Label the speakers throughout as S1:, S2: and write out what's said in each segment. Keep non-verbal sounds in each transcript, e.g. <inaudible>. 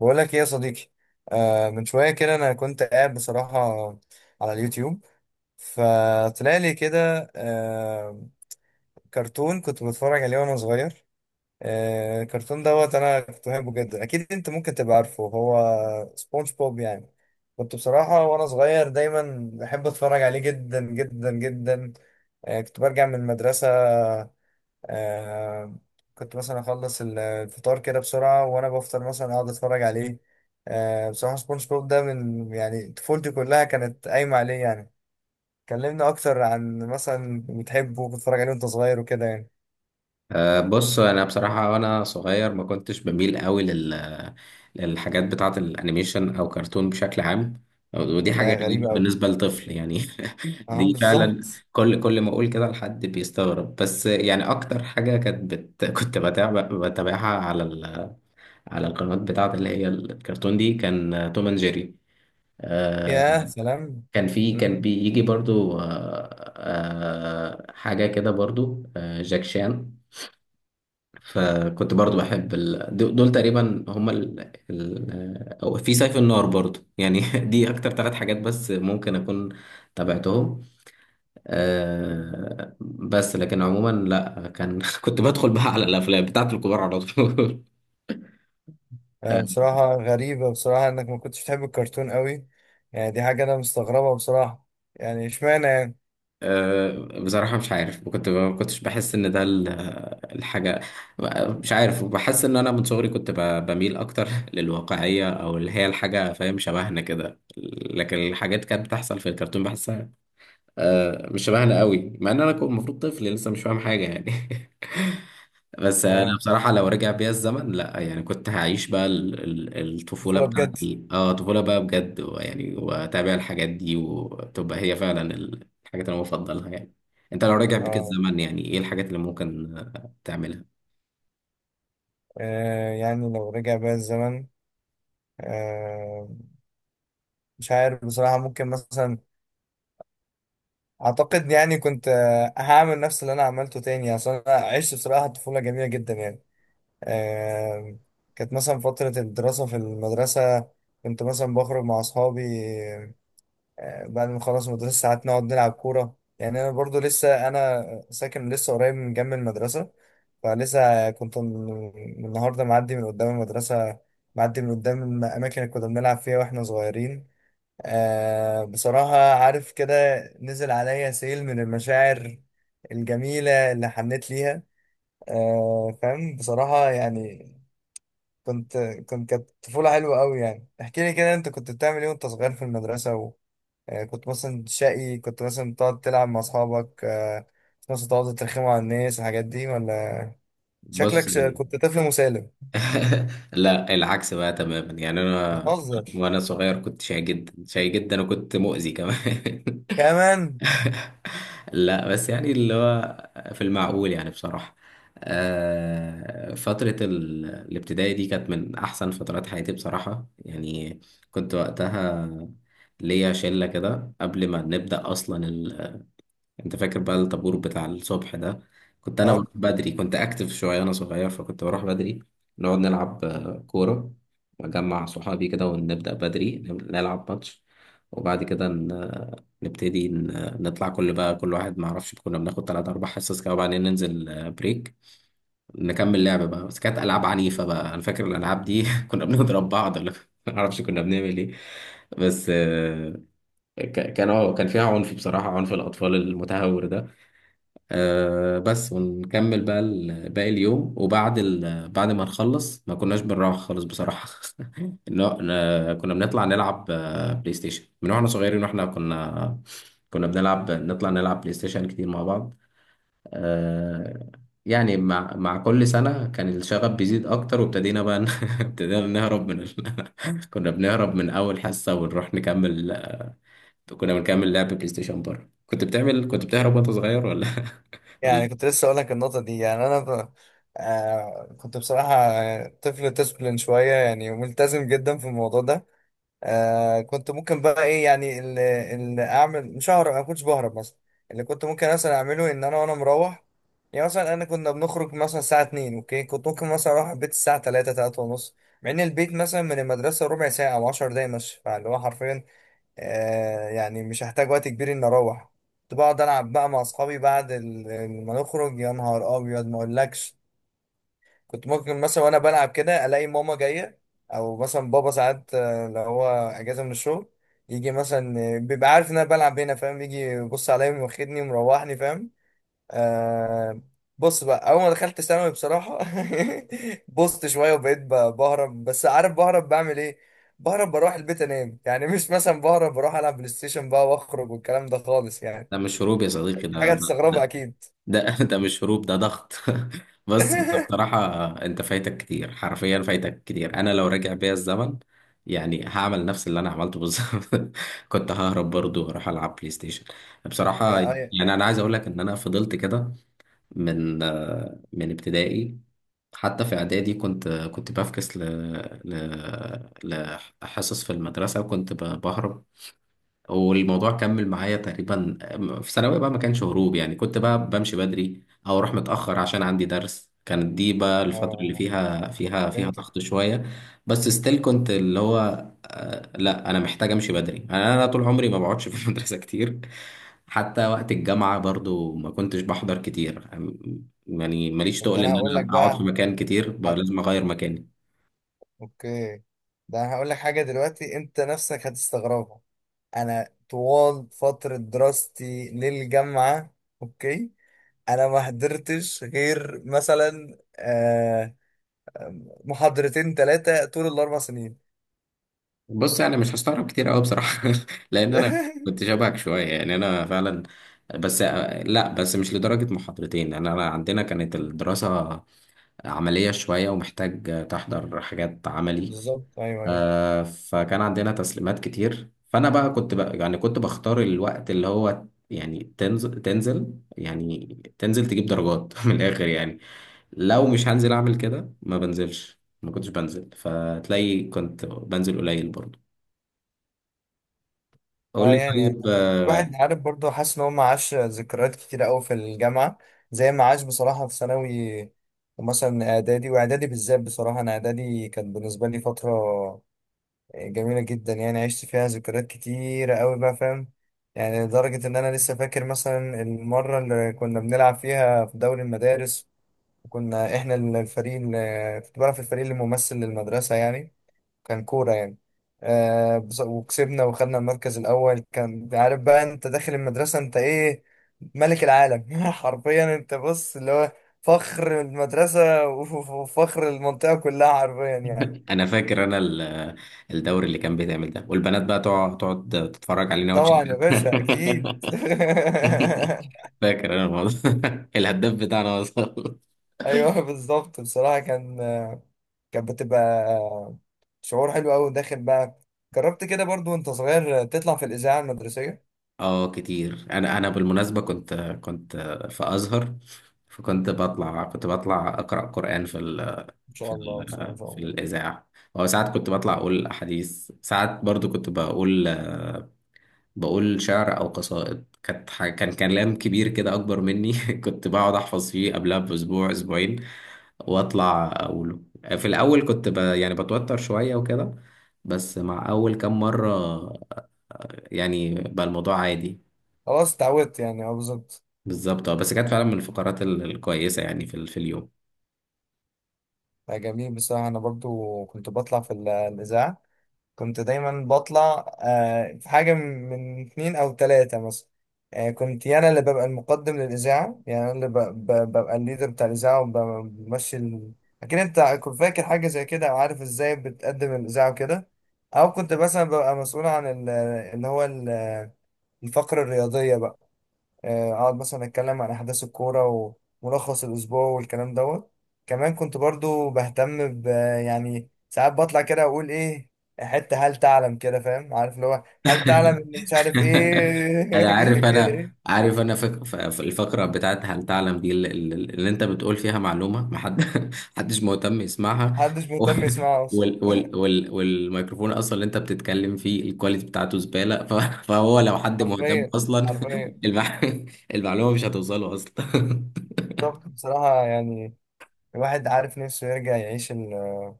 S1: بقول لك ايه يا صديقي؟ من شويه كده انا كنت قاعد بصراحه على اليوتيوب، فطلع لي كده كرتون كنت بتفرج عليه وانا صغير. الكرتون دوت انا كنت بحبه جدا، اكيد انت ممكن تبقى عارفه، هو سبونج بوب يعني. كنت بصراحه وانا صغير دايما بحب اتفرج عليه جدا جدا جدا. كنت برجع من المدرسه. آه كنت مثلا اخلص الفطار كده بسرعه وانا بفطر مثلا اقعد اتفرج عليه. بصراحه سبونج بوب ده من يعني طفولتي كلها كانت قايمه عليه يعني. كلمنا اكتر عن مثلا بتحبه وبتتفرج عليه وانت صغير وكده يعني.
S2: بص انا بصراحه وانا صغير ما كنتش بميل قوي للحاجات بتاعه الانيميشن او كرتون بشكل عام. ودي حاجه
S1: يا
S2: غريبه
S1: غريبه قوي.
S2: بالنسبه لطفل يعني. <laughs>
S1: اه
S2: دي فعلا
S1: بالظبط.
S2: كل ما اقول كده لحد بيستغرب، بس يعني اكتر حاجه كانت <laughs> كنت بتابعها على القنوات بتاعه اللي هي الكرتون دي كان توم اند جيري، أه،
S1: يا سلام.
S2: كان
S1: مم.
S2: بيجي برضو، أه، أه، حاجه كده برضو، جاك شان. فكنت برضو بحب دول تقريبا هما أو في سيف النار برضو يعني. <laughs> دي أكتر ثلاث حاجات بس ممكن أكون تابعتهم. بس لكن عموما لا، كان <laughs> كنت بدخل بقى على الأفلام بتاعت الكبار على طول. <laughs>
S1: بصراحه غريبه بصراحه انك ما كنتش بتحب الكرتون قوي، يعني دي حاجه انا مستغربها بصراحه، يعني اشمعنى يعني؟
S2: بصراحة مش عارف، ما كنتش بحس ان ده الحاجة. مش عارف، بحس ان انا من صغري كنت بميل اكتر <laughs> للواقعية، او اللي هي الحاجة فاهم شبهنا كده. لكن الحاجات كانت بتحصل في الكرتون بحسها مش شبهنا قوي، مع ان انا كنت المفروض طفل لسه مش فاهم حاجة يعني. <laughs> بس انا
S1: اه،
S2: بصراحه لو رجع بيا الزمن، لا يعني كنت هعيش بقى الطفوله
S1: طفوله بجد.
S2: بتاعتي، اه طفوله بقى بجد يعني، واتابع الحاجات دي وتبقى هي فعلا الحاجات اللي انا بفضلها يعني. انت لو رجع بيك
S1: اه،
S2: الزمن يعني ايه الحاجات اللي ممكن تعملها؟
S1: يعني لو رجع بقى الزمن، آه، مش عارف بصراحة، ممكن مثلا أعتقد يعني كنت، هعمل نفس اللي أنا عملته تاني. أصل أنا عشت بصراحة طفولة جميلة جدا يعني. آه، كانت مثلا فترة الدراسة في المدرسة، كنت مثلا بخرج مع أصحابي بعد ما نخلص المدرسة ساعات نقعد نلعب كورة، يعني أنا برضو لسه أنا ساكن لسه قريب من جنب المدرسة. فلسه كنت من النهاردة معدي من قدام المدرسة، معدي من قدام الأماكن اللي كنا بنلعب فيها وإحنا صغيرين. بصراحة عارف كده، نزل عليا سيل من المشاعر الجميلة اللي حنيت ليها. فاهم بصراحة يعني. كنت كنت كانت طفولة حلوة أوي يعني. احكي لي كده، أنت كنت بتعمل إيه وأنت صغير في المدرسة؟ وكنت مثلا شقي؟ كنت مثلا تقعد تلعب مع أصحابك؟ كنت مثلا تقعد ترخموا على الناس والحاجات دي ولا
S2: بص
S1: شكلك
S2: يعني
S1: كنت طفل مسالم
S2: <laughs> لا، العكس بقى تماما يعني. انا
S1: بتهزر
S2: وانا صغير كنت شاي جدا شاي جدا، وكنت مؤذي كمان. <laughs>
S1: كمان؟
S2: <laughs> لا، بس يعني اللي هو في المعقول يعني. بصراحة فترة الابتدائي دي كانت من أحسن فترات حياتي بصراحة يعني. كنت وقتها ليا شلة كده قبل ما نبدأ أصلا. انت فاكر بقى الطابور بتاع الصبح ده؟ كنت انا اه بروح
S1: أه،
S2: بدري، كنت اكتف شويه انا صغير، فكنت بروح بدري نقعد نلعب كوره، واجمع صحابي كده ونبدا بدري نلعب ماتش. وبعد كده نطلع كل بقى كل واحد، ما اعرفش كنا بناخد ثلاث اربع حصص كده، وبعدين ننزل بريك نكمل لعبه بقى. بس كانت العاب عنيفه بقى، انا فاكر الالعاب دي <laughs> كنا بنضرب بعض ولا <laughs> ما اعرفش كنا بنعمل ايه. بس كان اه كان فيها عنف بصراحه، عنف الاطفال المتهور ده. آه، بس ونكمل بقى باقي اليوم. وبعد بعد ما نخلص ما كناش بنروح خالص بصراحة. <laughs> كنا بنطلع نلعب بلاي ستيشن من واحنا صغيرين، واحنا كنا بنلعب نطلع نلعب بلاي ستيشن كتير مع بعض. آه، يعني مع كل سنة كان الشغف بيزيد أكتر، وابتدينا بقى <laughs> ابتدينا نهرب من <laughs> كنا بنهرب من أول حصة ونروح نكمل، كنا بنكمل لعب بلاي ستيشن بره. كنت بتعمل كنت بتهرب وأنت صغير ولا؟
S1: يعني
S2: <laughs>
S1: كنت لسه اقول لك النقطه دي، يعني كنت بصراحه طفل ديسبلين شويه، يعني ملتزم جدا في الموضوع ده. كنت ممكن بقى ايه يعني اللي اعمل؟ مش ههرب، انا ما كنتش بهرب مثلا. اللي كنت ممكن مثلا اعمله ان انا وانا مروح، يعني مثلا انا كنا بنخرج مثلا الساعه 2، اوكي، كنت ممكن مثلا اروح البيت الساعه 3، 3 ونص، مع ان البيت مثلا من المدرسه ربع ساعه او 10 دقايق مشي، فاللي هو حرفيا يعني مش هحتاج وقت كبير اني اروح. كنت بقعد العب بقى مع اصحابي بعد ما نخرج، يا نهار ابيض ما اقولكش. كنت ممكن مثلا وانا بلعب كده الاقي ماما جايه، او مثلا بابا ساعات لو هو اجازه من الشغل يجي مثلا بيبقى عارف ان انا بلعب هنا فاهم، يجي يبص عليا وياخدني ومروحني فاهم. آه بص بقى، اول ما دخلت ثانوي بصراحه <laughs> بصت شويه وبقيت بهرب. بس عارف بهرب بعمل ايه؟ بهرب بروح البيت انام، يعني مش مثلا بهرب بروح العب بلاي ستيشن بقى واخرج والكلام ده خالص يعني.
S2: ده مش هروب يا صديقي،
S1: حاجه تستغربها اكيد.
S2: <laughs> ده مش هروب، ده ضغط. <laughs> بس انت
S1: <laughs>
S2: بصراحة، انت فايتك كتير، حرفيا فايتك كتير. انا لو راجع بيا الزمن يعني هعمل نفس اللي انا عملته بالظبط. <laughs> كنت ههرب برضو واروح العب بلاي ستيشن بصراحة.
S1: يا اي.
S2: يعني انا عايز اقول لك ان انا فضلت كده من من ابتدائي، حتى في اعدادي كنت بفكس ل ل لحصص في المدرسة، وكنت بهرب. والموضوع كمل معايا تقريبا في ثانوية بقى. ما كانش هروب يعني، كنت بقى بمشي بدري او اروح متأخر عشان عندي درس. كانت دي بقى الفترة اللي
S1: اه،
S2: فيها
S1: فهمتك.
S2: ضغط شوية. بس ستيل كنت اللي هو لا انا محتاج امشي بدري. أنا طول عمري ما بقعدش في <laughs> المدرسة كتير. حتى وقت الجامعة برضو ما كنتش بحضر كتير. يعني ماليش
S1: طب ده
S2: تقل
S1: انا
S2: ان
S1: هقول لك
S2: انا اقعد في
S1: بقى،
S2: مكان كتير، بقى لازم
S1: حد،
S2: اغير مكاني.
S1: اوكي، ده انا هقول لك حاجه دلوقتي انت نفسك هتستغربها. انا طوال فتره دراستي للجامعه، اوكي، انا ما حضرتش غير مثلا محاضرتين 3 طول ال4 سنين.
S2: بص يعني مش هستغرب كتير قوي بصراحه، <laughs> لان انا كنت
S1: <laughs>
S2: شبهك شويه يعني، انا فعلا. بس لا، بس مش لدرجه محاضرتين، لان انا عندنا كانت الدراسه عمليه شويه، ومحتاج تحضر حاجات عملي.
S1: بالظبط، ايوه ايوه.
S2: فكان عندنا تسليمات كتير، فانا بقى كنت بقى يعني كنت بختار الوقت اللي هو يعني تنزل يعني، تنزل تجيب درجات <laughs> من الاخر يعني. لو مش هنزل اعمل كده ما بنزلش، ما كنتش بنزل، فتلاقي كنت بنزل قليل برضه. قول
S1: اه،
S2: لي
S1: يعني
S2: طيب،
S1: الواحد عارف برضه، حاسس ان هو ما عاش ذكريات كتير قوي في الجامعه زي ما عاش بصراحه في ثانوي، ومثلا اعدادي. واعدادي بالذات بصراحه، انا اعدادي كانت بالنسبه لي فتره جميله جدا يعني، عشت فيها ذكريات كتيره قوي بقى فاهم. يعني لدرجه ان انا لسه فاكر مثلا المره اللي كنا بنلعب فيها في دوري المدارس. كنا احنا الفريق اللي كنت بلعب في الفريق اللي ممثل للمدرسة يعني، كان كورة يعني. وكسبنا وخدنا المركز الأول. كان عارف بقى، انت داخل المدرسة انت ايه؟ ملك العالم <laughs> حرفيا. انت بص اللي هو فخر المدرسة وفخر المنطقة كلها حرفيا يعني.
S2: انا فاكر انا الدوري اللي كان بيتعمل ده، والبنات بقى تقعد تتفرج علينا
S1: طبعا
S2: وتشجع.
S1: يا باشا،
S2: <laughs>
S1: اكيد. <laughs>
S2: فاكر انا الموضوع، <laughs> الهداف بتاعنا وصل.
S1: ايوه بالظبط، بصراحة كان، كانت بتبقى شعور حلو قوي داخل بقى. جربت كده برضو وانت صغير تطلع في الإذاعة المدرسية؟
S2: اه كتير، انا بالمناسبه كنت في ازهر، فكنت بطلع اقرا قران في ال
S1: ان
S2: في
S1: شاء الله، ان شاء الله، إن
S2: ال
S1: شاء
S2: في
S1: الله.
S2: الاذاعه. او ساعات كنت بطلع اقول احاديث، ساعات برضو كنت بقول شعر او قصائد، كانت كان كلام كبير كده اكبر مني. <laughs> كنت بقعد احفظ فيه قبلها باسبوع اسبوعين واطلع اقوله. في الاول كنت يعني بتوتر شوية وكده، بس مع اول كام مرة يعني بقى الموضوع عادي.
S1: خلاص، اتعودت يعني، اه بالظبط.
S2: بالظبط، بس كانت فعلا من الفقرات الكويسة يعني في في اليوم.
S1: لا، جميل. بصراحه انا برضو كنت بطلع في الاذاعه. كنت دايما بطلع في حاجه من من 2 او 3 مثلا، كنت انا اللي ببقى المقدم للاذاعه، يعني انا اللي ببقى الليدر بتاع الاذاعه وبمشي ال... اكيد انت كنت فاكر حاجه زي كده، او عارف ازاي بتقدم الاذاعه وكده. او كنت مثلا ببقى مسؤول عن اللي هو ال- الفقره الرياضيه بقى. اقعد مثلا اتكلم عن احداث الكوره وملخص الاسبوع والكلام دوت. كمان كنت برضو بهتم ب، يعني ساعات بطلع كده اقول ايه، حته هل تعلم كده فاهم؟ عارف اللي هو هل تعلم
S2: <laughs>
S1: ان مش عارف
S2: <laughs> انا عارف،
S1: ايه <laughs> كده
S2: انا
S1: ايه.
S2: عارف، انا فك... ف- ف- الفقره بتاعت هل تعلم دي، اللي انت بتقول فيها معلومه ما حد <laughs> حدش مهتم يسمعها،
S1: محدش
S2: <laughs> و-
S1: مهتم يسمعه اصلا.
S2: والميكروفون اصلا اللي انت بتتكلم فيه الكواليتي بتاعته زباله، فهو لو حد مهتم
S1: حرفيا،
S2: اصلا
S1: حرفيا.
S2: <laughs> المع... المعلومه مش هتوصله اصلا.
S1: طب بصراحه، يعني الواحد عارف نفسه يرجع يعيش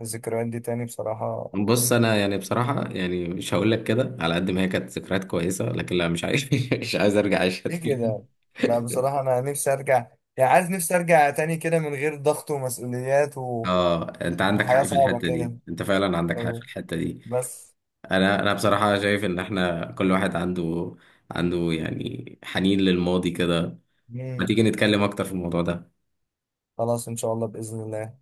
S1: الذكريات دي تاني بصراحه؟
S2: <laughs> بص انا يعني بصراحه يعني مش هقول لك كده، على قد ما هي كانت ذكريات كويسه، لكن لا مش عايز، <laughs> مش عايز ارجع اعيشها
S1: دي
S2: تاني.
S1: كده، لا،
S2: <laughs>
S1: بصراحه انا نفسي ارجع، يعني عايز نفسي ارجع تاني كده من غير ضغط ومسؤوليات.
S2: اه، انت عندك
S1: الحياة
S2: حق في
S1: صعبة
S2: الحته دي،
S1: كده،
S2: انت فعلا عندك حق في
S1: أه،
S2: الحته دي.
S1: بس.
S2: انا بصراحه شايف ان احنا كل واحد عنده يعني حنين للماضي كده. ما
S1: مم.
S2: تيجي نتكلم اكتر في الموضوع ده.
S1: خلاص، إن شاء الله بإذن الله.